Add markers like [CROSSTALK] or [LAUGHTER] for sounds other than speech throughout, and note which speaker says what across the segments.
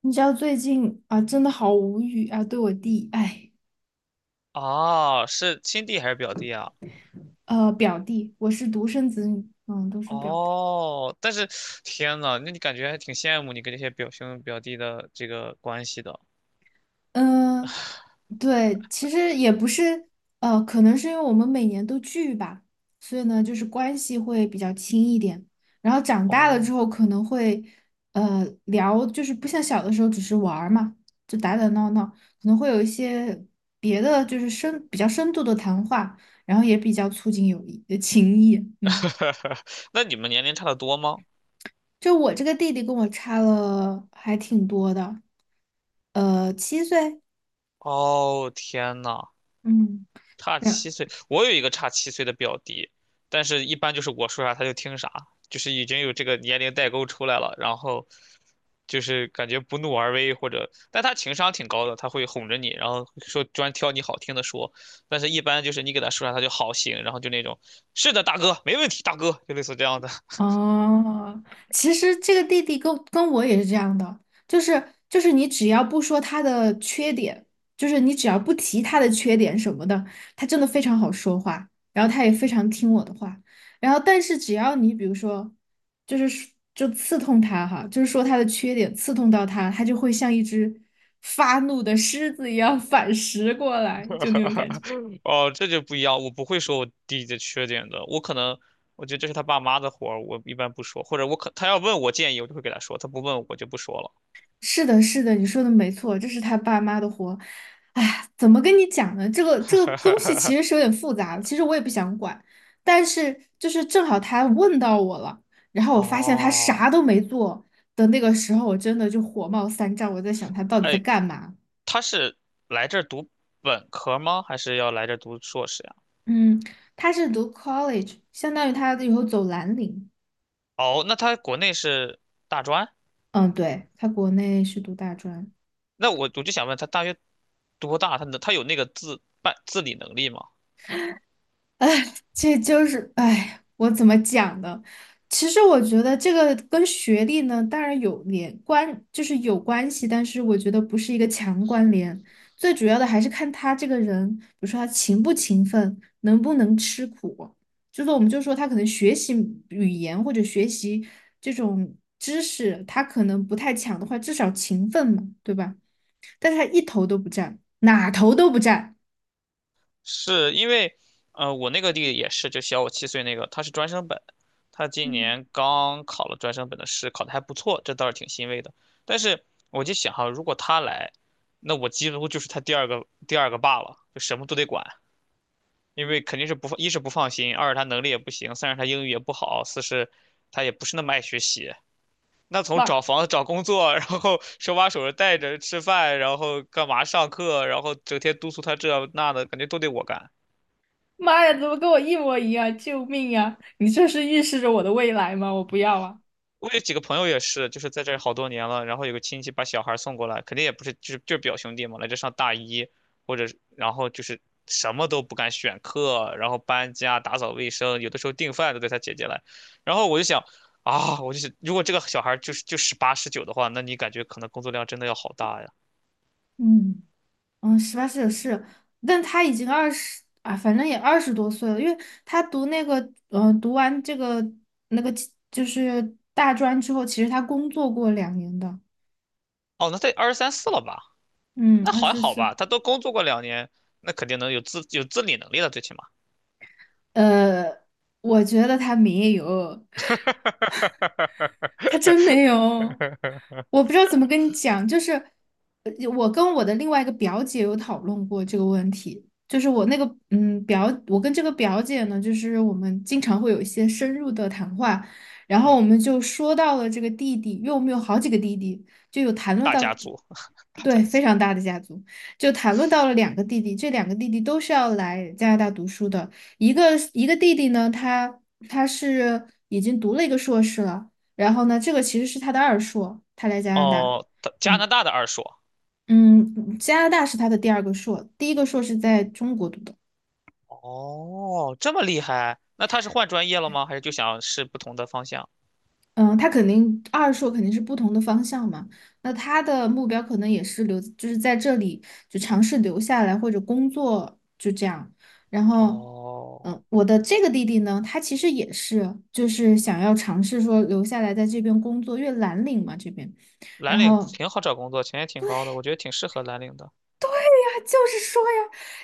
Speaker 1: 你知道最近啊，真的好无语啊！对我弟，哎，
Speaker 2: 哦，是亲弟还是表弟啊？
Speaker 1: 表弟，我是独生子女，嗯，都是表弟。
Speaker 2: 哦，但是天呐，那你感觉还挺羡慕你跟这些表兄表弟的这个关系的。
Speaker 1: 嗯、对，其实也不是，可能是因为我们每年都聚吧，所以呢，就是关系会比较亲一点。然后长大了
Speaker 2: 哦，
Speaker 1: 之后，可能会，聊，就是不像小的时候只是玩儿嘛，就打打闹闹，可能会有一些别的，就是比较深度的谈话，然后也比较促进友谊，情谊，嗯。
Speaker 2: [LAUGHS] 那你们年龄差的多吗？
Speaker 1: 就我这个弟弟跟我差了还挺多的，7岁，
Speaker 2: 哦，天呐，
Speaker 1: 嗯。
Speaker 2: 差七岁，我有一个差七岁的表弟，但是一般就是我说啥他就听啥，就是已经有这个年龄代沟出来了，然后就是感觉不怒而威或者，但他情商挺高的，他会哄着你，然后说专挑你好听的说，但是一般就是你给他说啥他就好行，然后就那种是的大哥没问题大哥，就类似这样的。[LAUGHS]
Speaker 1: 哦，其实这个弟弟跟我也是这样的，就是你只要不说他的缺点，就是你只要不提他的缺点什么的，他真的非常好说话，然后他也非常听我的话，然后但是只要你比如说，就是说就刺痛他哈，就是说他的缺点刺痛到他，他就会像一只发怒的狮子一样 [LAUGHS] 反噬过来，就那种感觉。
Speaker 2: 哦，这就不一样，我不会说我弟弟的缺点的，我可能。我觉得这是他爸妈的活儿，我一般不说，或者我可他要问我建议，我就会给他说，他不问我就不说了。
Speaker 1: 是的，是的，你说的没错，这是他爸妈的活。哎，怎么跟你讲呢？这个东西其
Speaker 2: [LAUGHS]
Speaker 1: 实是有点复杂的，其实我也不想管，但是就是正好他问到我了，然后我发现他
Speaker 2: 哦，
Speaker 1: 啥都没做的那个时候，我真的就火冒三丈，我在想他到底在
Speaker 2: 哎，
Speaker 1: 干嘛？
Speaker 2: 他是来这儿读本科吗？还是要来这儿读硕士呀？
Speaker 1: 嗯，他是读 college，相当于他以后走蓝领。
Speaker 2: 哦，那他国内是大专？
Speaker 1: 嗯，对，他国内是读大专。
Speaker 2: 那我就想问他，大学多大？他有那个自办自理能力吗？
Speaker 1: 哎，这就是哎，我怎么讲呢？其实我觉得这个跟学历呢，当然有关系，但是我觉得不是一个强关联。最主要的还是看他这个人，比如说他勤不勤奋，能不能吃苦。就是我们就说他可能学习语言或者学习这种知识，他可能不太强的话，至少勤奋嘛，对吧？但是他一头都不占，哪头都不占。
Speaker 2: 是因为，我那个弟弟也是，就小我七岁那个，他是专升本，他今
Speaker 1: 嗯，
Speaker 2: 年刚考了专升本的试，考的还不错，这倒是挺欣慰的。但是我就想哈，如果他来，那我几乎就是他第二个爸了，就什么都得管。因为肯定是不放，一是不放心，二是他能力也不行，三是他英语也不好，四是他也不是那么爱学习。那从找
Speaker 1: 哇
Speaker 2: 房子、找工作，然后手把手的带着吃饭，然后干嘛上课，然后整天督促他这那的，感觉都得我干。
Speaker 1: 妈呀，怎么跟我一模一样？救命呀！你这是预示着我的未来吗？我不要啊！
Speaker 2: 我有几个朋友也是，就是在这儿好多年了，然后有个亲戚把小孩儿送过来，肯定也不是，就是表兄弟嘛，来这上大一，或者是然后就是什么都不敢选课，然后搬家、打扫卫生，有的时候订饭都得他姐姐来，然后我就想啊，我就想，如果这个小孩儿就是就18、19的话，那你感觉可能工作量真的要好大呀？
Speaker 1: 嗯嗯，18岁是，但他已经二十啊，反正也20多岁了，因为他读那个读完那个就是大专之后，其实他工作过2年的，
Speaker 2: 哦，那得二十三四了吧？
Speaker 1: 嗯，
Speaker 2: 那
Speaker 1: 二
Speaker 2: 还
Speaker 1: 十
Speaker 2: 好
Speaker 1: 四，
Speaker 2: 吧，他都工作过2年，那肯定能有自有自理能力了，最起码。
Speaker 1: 呃，我觉得他没有，他真没有，我
Speaker 2: [LAUGHS]
Speaker 1: 不知道怎么跟你讲，就是呃我跟我的另外一个表姐有讨论过这个问题，我跟这个表姐呢，就是我们经常会有一些深入的谈话，然后
Speaker 2: 嗯。
Speaker 1: 我们就说到了这个弟弟，因为我们有好几个弟弟，就有谈论
Speaker 2: 大
Speaker 1: 到，
Speaker 2: 家族，[LAUGHS] 大家
Speaker 1: 对，非
Speaker 2: 族。
Speaker 1: 常大的家族，就谈论到了两个弟弟，这两个弟弟都是要来加拿大读书的，一个弟弟呢，他是已经读了一个硕士了。然后呢，这个其实是他的二硕，他来加拿大，
Speaker 2: 哦，他加拿
Speaker 1: 嗯
Speaker 2: 大的二硕。
Speaker 1: 嗯，加拿大是他的第2个硕，第1个硕是在中国读的，
Speaker 2: 哦，这么厉害？那他是换专业了吗？还是就想试不同的方向？
Speaker 1: 嗯，他肯定二硕肯定是不同的方向嘛，那他的目标可能也是留，就是在这里就尝试留下来或者工作就这样，然后。
Speaker 2: 哦，
Speaker 1: 嗯，我的这个弟弟呢，他其实也是，就是想要尝试说留下来在这边工作，因为蓝领嘛这边，
Speaker 2: 蓝
Speaker 1: 然
Speaker 2: 领
Speaker 1: 后
Speaker 2: 挺好找工作，钱也挺高的，我觉得挺适合蓝领的。
Speaker 1: 就是说呀，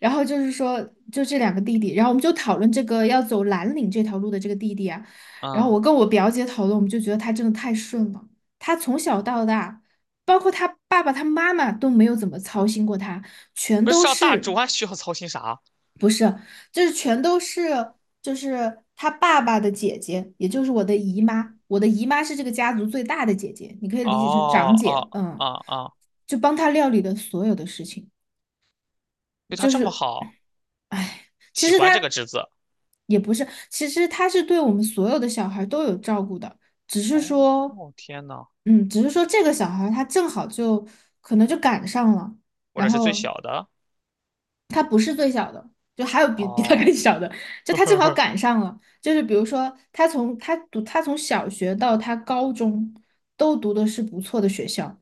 Speaker 1: 然后就是说，就这两个弟弟，然后我们就讨论这个要走蓝领这条路的这个弟弟啊，然后
Speaker 2: 嗯，
Speaker 1: 我跟我表姐讨论，我们就觉得他真的太顺了，他从小到大，包括他爸爸、他妈妈都没有怎么操心过他，全
Speaker 2: 不是
Speaker 1: 都
Speaker 2: 上大
Speaker 1: 是，
Speaker 2: 专 [LAUGHS] 需要操心啥？
Speaker 1: 就是全都是，就是他爸爸的姐姐，也就是我的姨妈，我的姨妈是这个家族最大的姐姐，你可以理解成
Speaker 2: 哦
Speaker 1: 长姐，
Speaker 2: 哦哦
Speaker 1: 嗯，
Speaker 2: 哦，
Speaker 1: 就帮他料理的所有的事情。
Speaker 2: 对他
Speaker 1: 就
Speaker 2: 这么
Speaker 1: 是，
Speaker 2: 好，
Speaker 1: 哎，其
Speaker 2: 喜
Speaker 1: 实
Speaker 2: 欢这个
Speaker 1: 他
Speaker 2: 职子
Speaker 1: 也不是，其实他是对我们所有的小孩都有照顾的，只是
Speaker 2: 哦，
Speaker 1: 说，
Speaker 2: 天呐，
Speaker 1: 嗯，只是说这个小孩他正好就可能就赶上了，
Speaker 2: 或者
Speaker 1: 然
Speaker 2: 是最
Speaker 1: 后
Speaker 2: 小的？
Speaker 1: 他不是最小的，就还有比他
Speaker 2: 哦，
Speaker 1: 更小的，就他正好
Speaker 2: [LAUGHS]
Speaker 1: 赶上了，就是比如说他从小学到他高中都读的是不错的学校。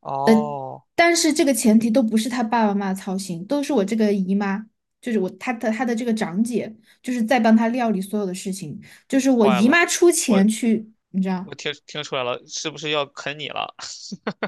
Speaker 2: 哦，
Speaker 1: 但是这个前提都不是他爸爸妈妈操心，都是我这个姨妈，就是我他的这个长姐，就是在帮他料理所有的事情，就是我
Speaker 2: 坏
Speaker 1: 姨
Speaker 2: 了，
Speaker 1: 妈出
Speaker 2: 我
Speaker 1: 钱去，你知道，
Speaker 2: 我听出来了，是不是要啃你了？[LAUGHS]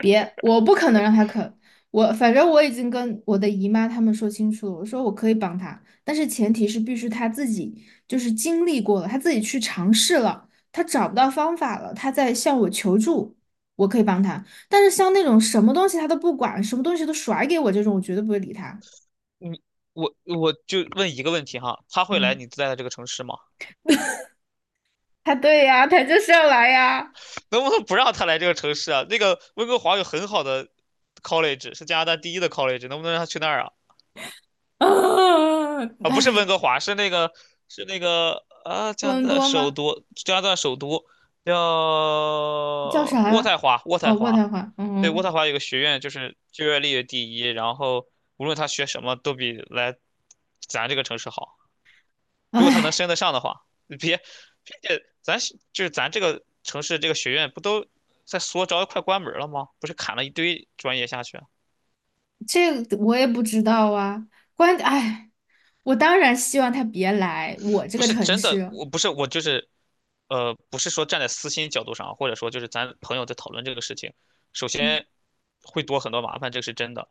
Speaker 1: 别，我不可能让他啃，我反正我已经跟我的姨妈他们说清楚了，我说我可以帮他，但是前提是必须他自己就是经历过了，他自己去尝试了，他找不到方法了，他在向我求助，我可以帮他。但是像那种什么东西他都不管，什么东西都甩给我这种，我绝对不会理他。
Speaker 2: 你我就问一个问题哈，他会来
Speaker 1: 嗯，
Speaker 2: 你在的这个城市吗？
Speaker 1: 他对呀，他就是要来呀。
Speaker 2: [LAUGHS] 能不能不让他来这个城市啊？那个温哥华有很好的 college，是加拿大第一的 college，能不能让他去那儿啊？
Speaker 1: [LAUGHS] 啊，
Speaker 2: 啊，不是
Speaker 1: 哎，
Speaker 2: 温哥华，是那个啊，
Speaker 1: 多
Speaker 2: 加拿
Speaker 1: 伦
Speaker 2: 大
Speaker 1: 多
Speaker 2: 首
Speaker 1: 吗？
Speaker 2: 都，加拿大首都叫
Speaker 1: 叫啥
Speaker 2: 渥太
Speaker 1: 呀？
Speaker 2: 华，渥
Speaker 1: 哦，
Speaker 2: 太
Speaker 1: 渥
Speaker 2: 华，
Speaker 1: 太华。
Speaker 2: 对，渥
Speaker 1: 嗯，
Speaker 2: 太华有个学院，就是就业率第一，然后无论他学什么都比来咱这个城市好。如果他能
Speaker 1: 哎，
Speaker 2: 升得上的话，别且咱就是咱这个城市这个学院不都在缩招，快关门了吗？不是砍了一堆专业下去啊，
Speaker 1: 这个我也不知道啊。关，哎，我当然希望他别来我这
Speaker 2: 不
Speaker 1: 个
Speaker 2: 是
Speaker 1: 城
Speaker 2: 真的，
Speaker 1: 市。
Speaker 2: 我不是我就是，呃，不是说站在私心角度上啊，或者说就是咱朋友在讨论这个事情，首先会多很多麻烦，这个是真的。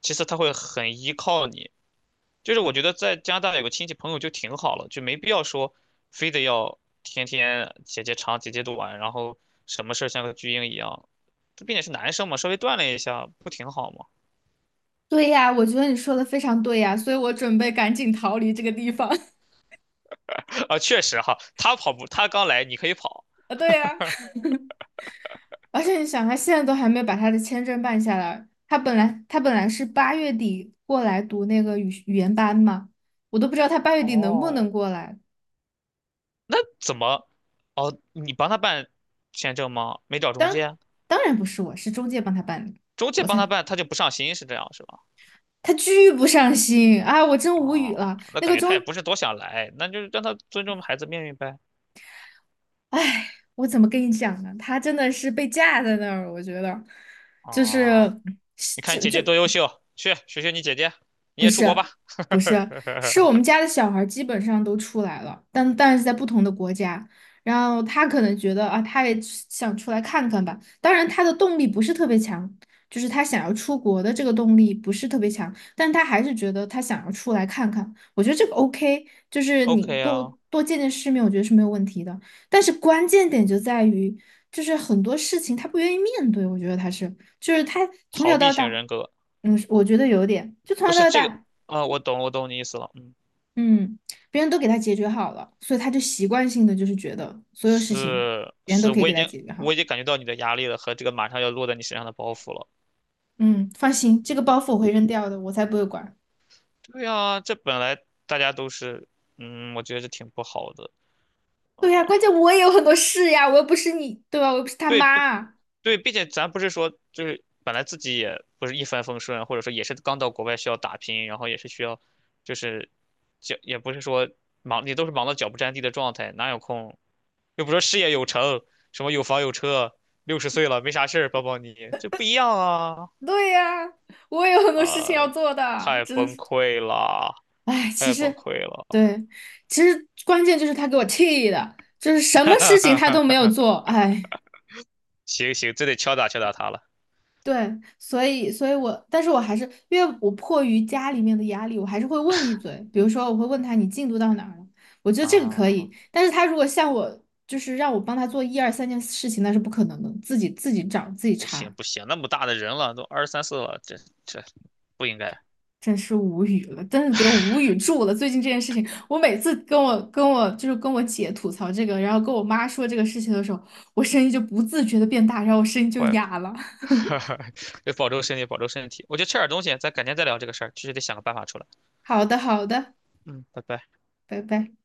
Speaker 2: 其次，他会很依靠你，就是我觉得在加拿大有个亲戚朋友就挺好了，就没必要说非得要天天姐姐长姐姐短，然后什么事儿像个巨婴一样。这毕竟是男生嘛，稍微锻炼一下不挺好吗？
Speaker 1: 对呀，我觉得你说的非常对呀，所以我准备赶紧逃离这个地方。[LAUGHS]
Speaker 2: [LAUGHS] 啊，确实哈，他跑步，他刚来，你可以跑。
Speaker 1: 啊，对呀。而且你想，他现在都还没有把他的签证办下来。他本来是八月底过来读那个语言班嘛，我都不知道他八月底能不
Speaker 2: 哦，
Speaker 1: 能过来。
Speaker 2: 那怎么？哦，你帮他办签证吗？没找中
Speaker 1: 当
Speaker 2: 介？
Speaker 1: 当然不是我，是中介帮他办的。
Speaker 2: 中介
Speaker 1: 我
Speaker 2: 帮他
Speaker 1: 才
Speaker 2: 办，他就不上心，是这样是吧？
Speaker 1: 他巨不上心啊，我真无语
Speaker 2: 哦，
Speaker 1: 了。
Speaker 2: 那
Speaker 1: 那
Speaker 2: 感
Speaker 1: 个
Speaker 2: 觉他
Speaker 1: 中，
Speaker 2: 也不是多想来，那就让他尊重孩子命运呗。
Speaker 1: 唉，我怎么跟你讲呢？他真的是被架在那儿，我觉得就是
Speaker 2: 啊，你看你
Speaker 1: 就
Speaker 2: 姐
Speaker 1: 就
Speaker 2: 姐多优秀，去学学你姐姐，你也出国吧。
Speaker 1: 不是，是我们
Speaker 2: [LAUGHS]
Speaker 1: 家的小孩儿基本上都出来了，但但是在不同的国家，然后他可能觉得啊，他也想出来看看吧。当然，他的动力不是特别强，就是他想要出国的这个动力不是特别强，但他还是觉得他想要出来看看。我觉得这个 OK，就是你
Speaker 2: OK
Speaker 1: 多
Speaker 2: 啊，
Speaker 1: 多见见世面，我觉得是没有问题的。但是关键点就在于，就是很多事情他不愿意面对，我觉得他是，就是他从
Speaker 2: 逃
Speaker 1: 小
Speaker 2: 避
Speaker 1: 到
Speaker 2: 型
Speaker 1: 大，
Speaker 2: 人格
Speaker 1: 嗯，我觉得有点，就从小
Speaker 2: 不是
Speaker 1: 到
Speaker 2: 这个
Speaker 1: 大。
Speaker 2: 啊，我懂，我懂你意思了，嗯，
Speaker 1: 嗯，别人都给他解决好了，所以他就习惯性的就是觉得所有事情
Speaker 2: 是
Speaker 1: 别人都
Speaker 2: 是，
Speaker 1: 可以
Speaker 2: 我
Speaker 1: 给
Speaker 2: 已
Speaker 1: 他
Speaker 2: 经
Speaker 1: 解决好。
Speaker 2: 我已经感觉到你的压力了和这个马上要落在你身上的包袱了。
Speaker 1: 嗯，放心，这个包袱我会扔掉的，我才不会管。
Speaker 2: 对啊，这本来大家都是，嗯，我觉得这挺不好的啊。
Speaker 1: 对呀，关键我也有很多事呀，我又不是你，对吧？我又不是他
Speaker 2: 对不？
Speaker 1: 妈。
Speaker 2: 对，并且咱不是说就是本来自己也不是一帆风顺，或者说也是刚到国外需要打拼，然后也是需要，就是脚也不是说忙，也都是忙到脚不沾地的状态，哪有空？又不说事业有成，什么有房有车，60岁了没啥事儿，抱抱你，这不一样啊！
Speaker 1: 对呀，我也有很多事情
Speaker 2: 啊，
Speaker 1: 要做的，
Speaker 2: 太
Speaker 1: 真
Speaker 2: 崩
Speaker 1: 是。
Speaker 2: 溃了，
Speaker 1: 哎，其
Speaker 2: 太崩
Speaker 1: 实，
Speaker 2: 溃了，
Speaker 1: 对，其实关键就是他给我气的，就是什么事情他都没有
Speaker 2: [LAUGHS]
Speaker 1: 做，哎。
Speaker 2: 行行，这得敲打敲打他了
Speaker 1: 对，所以，所以我，但是我还是因为我迫于家里面的压力，我还是会问一嘴。比如说，我会问他你进度到哪儿了？我觉得这个可
Speaker 2: 啊！
Speaker 1: 以。但是他如果像我，就是让我帮他做1、2、3件事情，那是不可能的，自己找自己
Speaker 2: 不行
Speaker 1: 查，
Speaker 2: 不行，那么大的人了，都二十三四了，这不应该，
Speaker 1: 真是无语了，真是给我无语住了。最近这件事情，我每次跟我姐吐槽这个，然后跟我妈说这个事情的时候，我声音就不自觉的变大，然后我声音就
Speaker 2: 怪，
Speaker 1: 哑了。
Speaker 2: [LAUGHS]
Speaker 1: [LAUGHS]
Speaker 2: 哈哈，得保重身体，保重身体。我觉得吃点东西，咱改天再聊这个事儿，确实得想个办法出来。
Speaker 1: 好的，好的，
Speaker 2: 嗯，拜拜。
Speaker 1: 拜拜。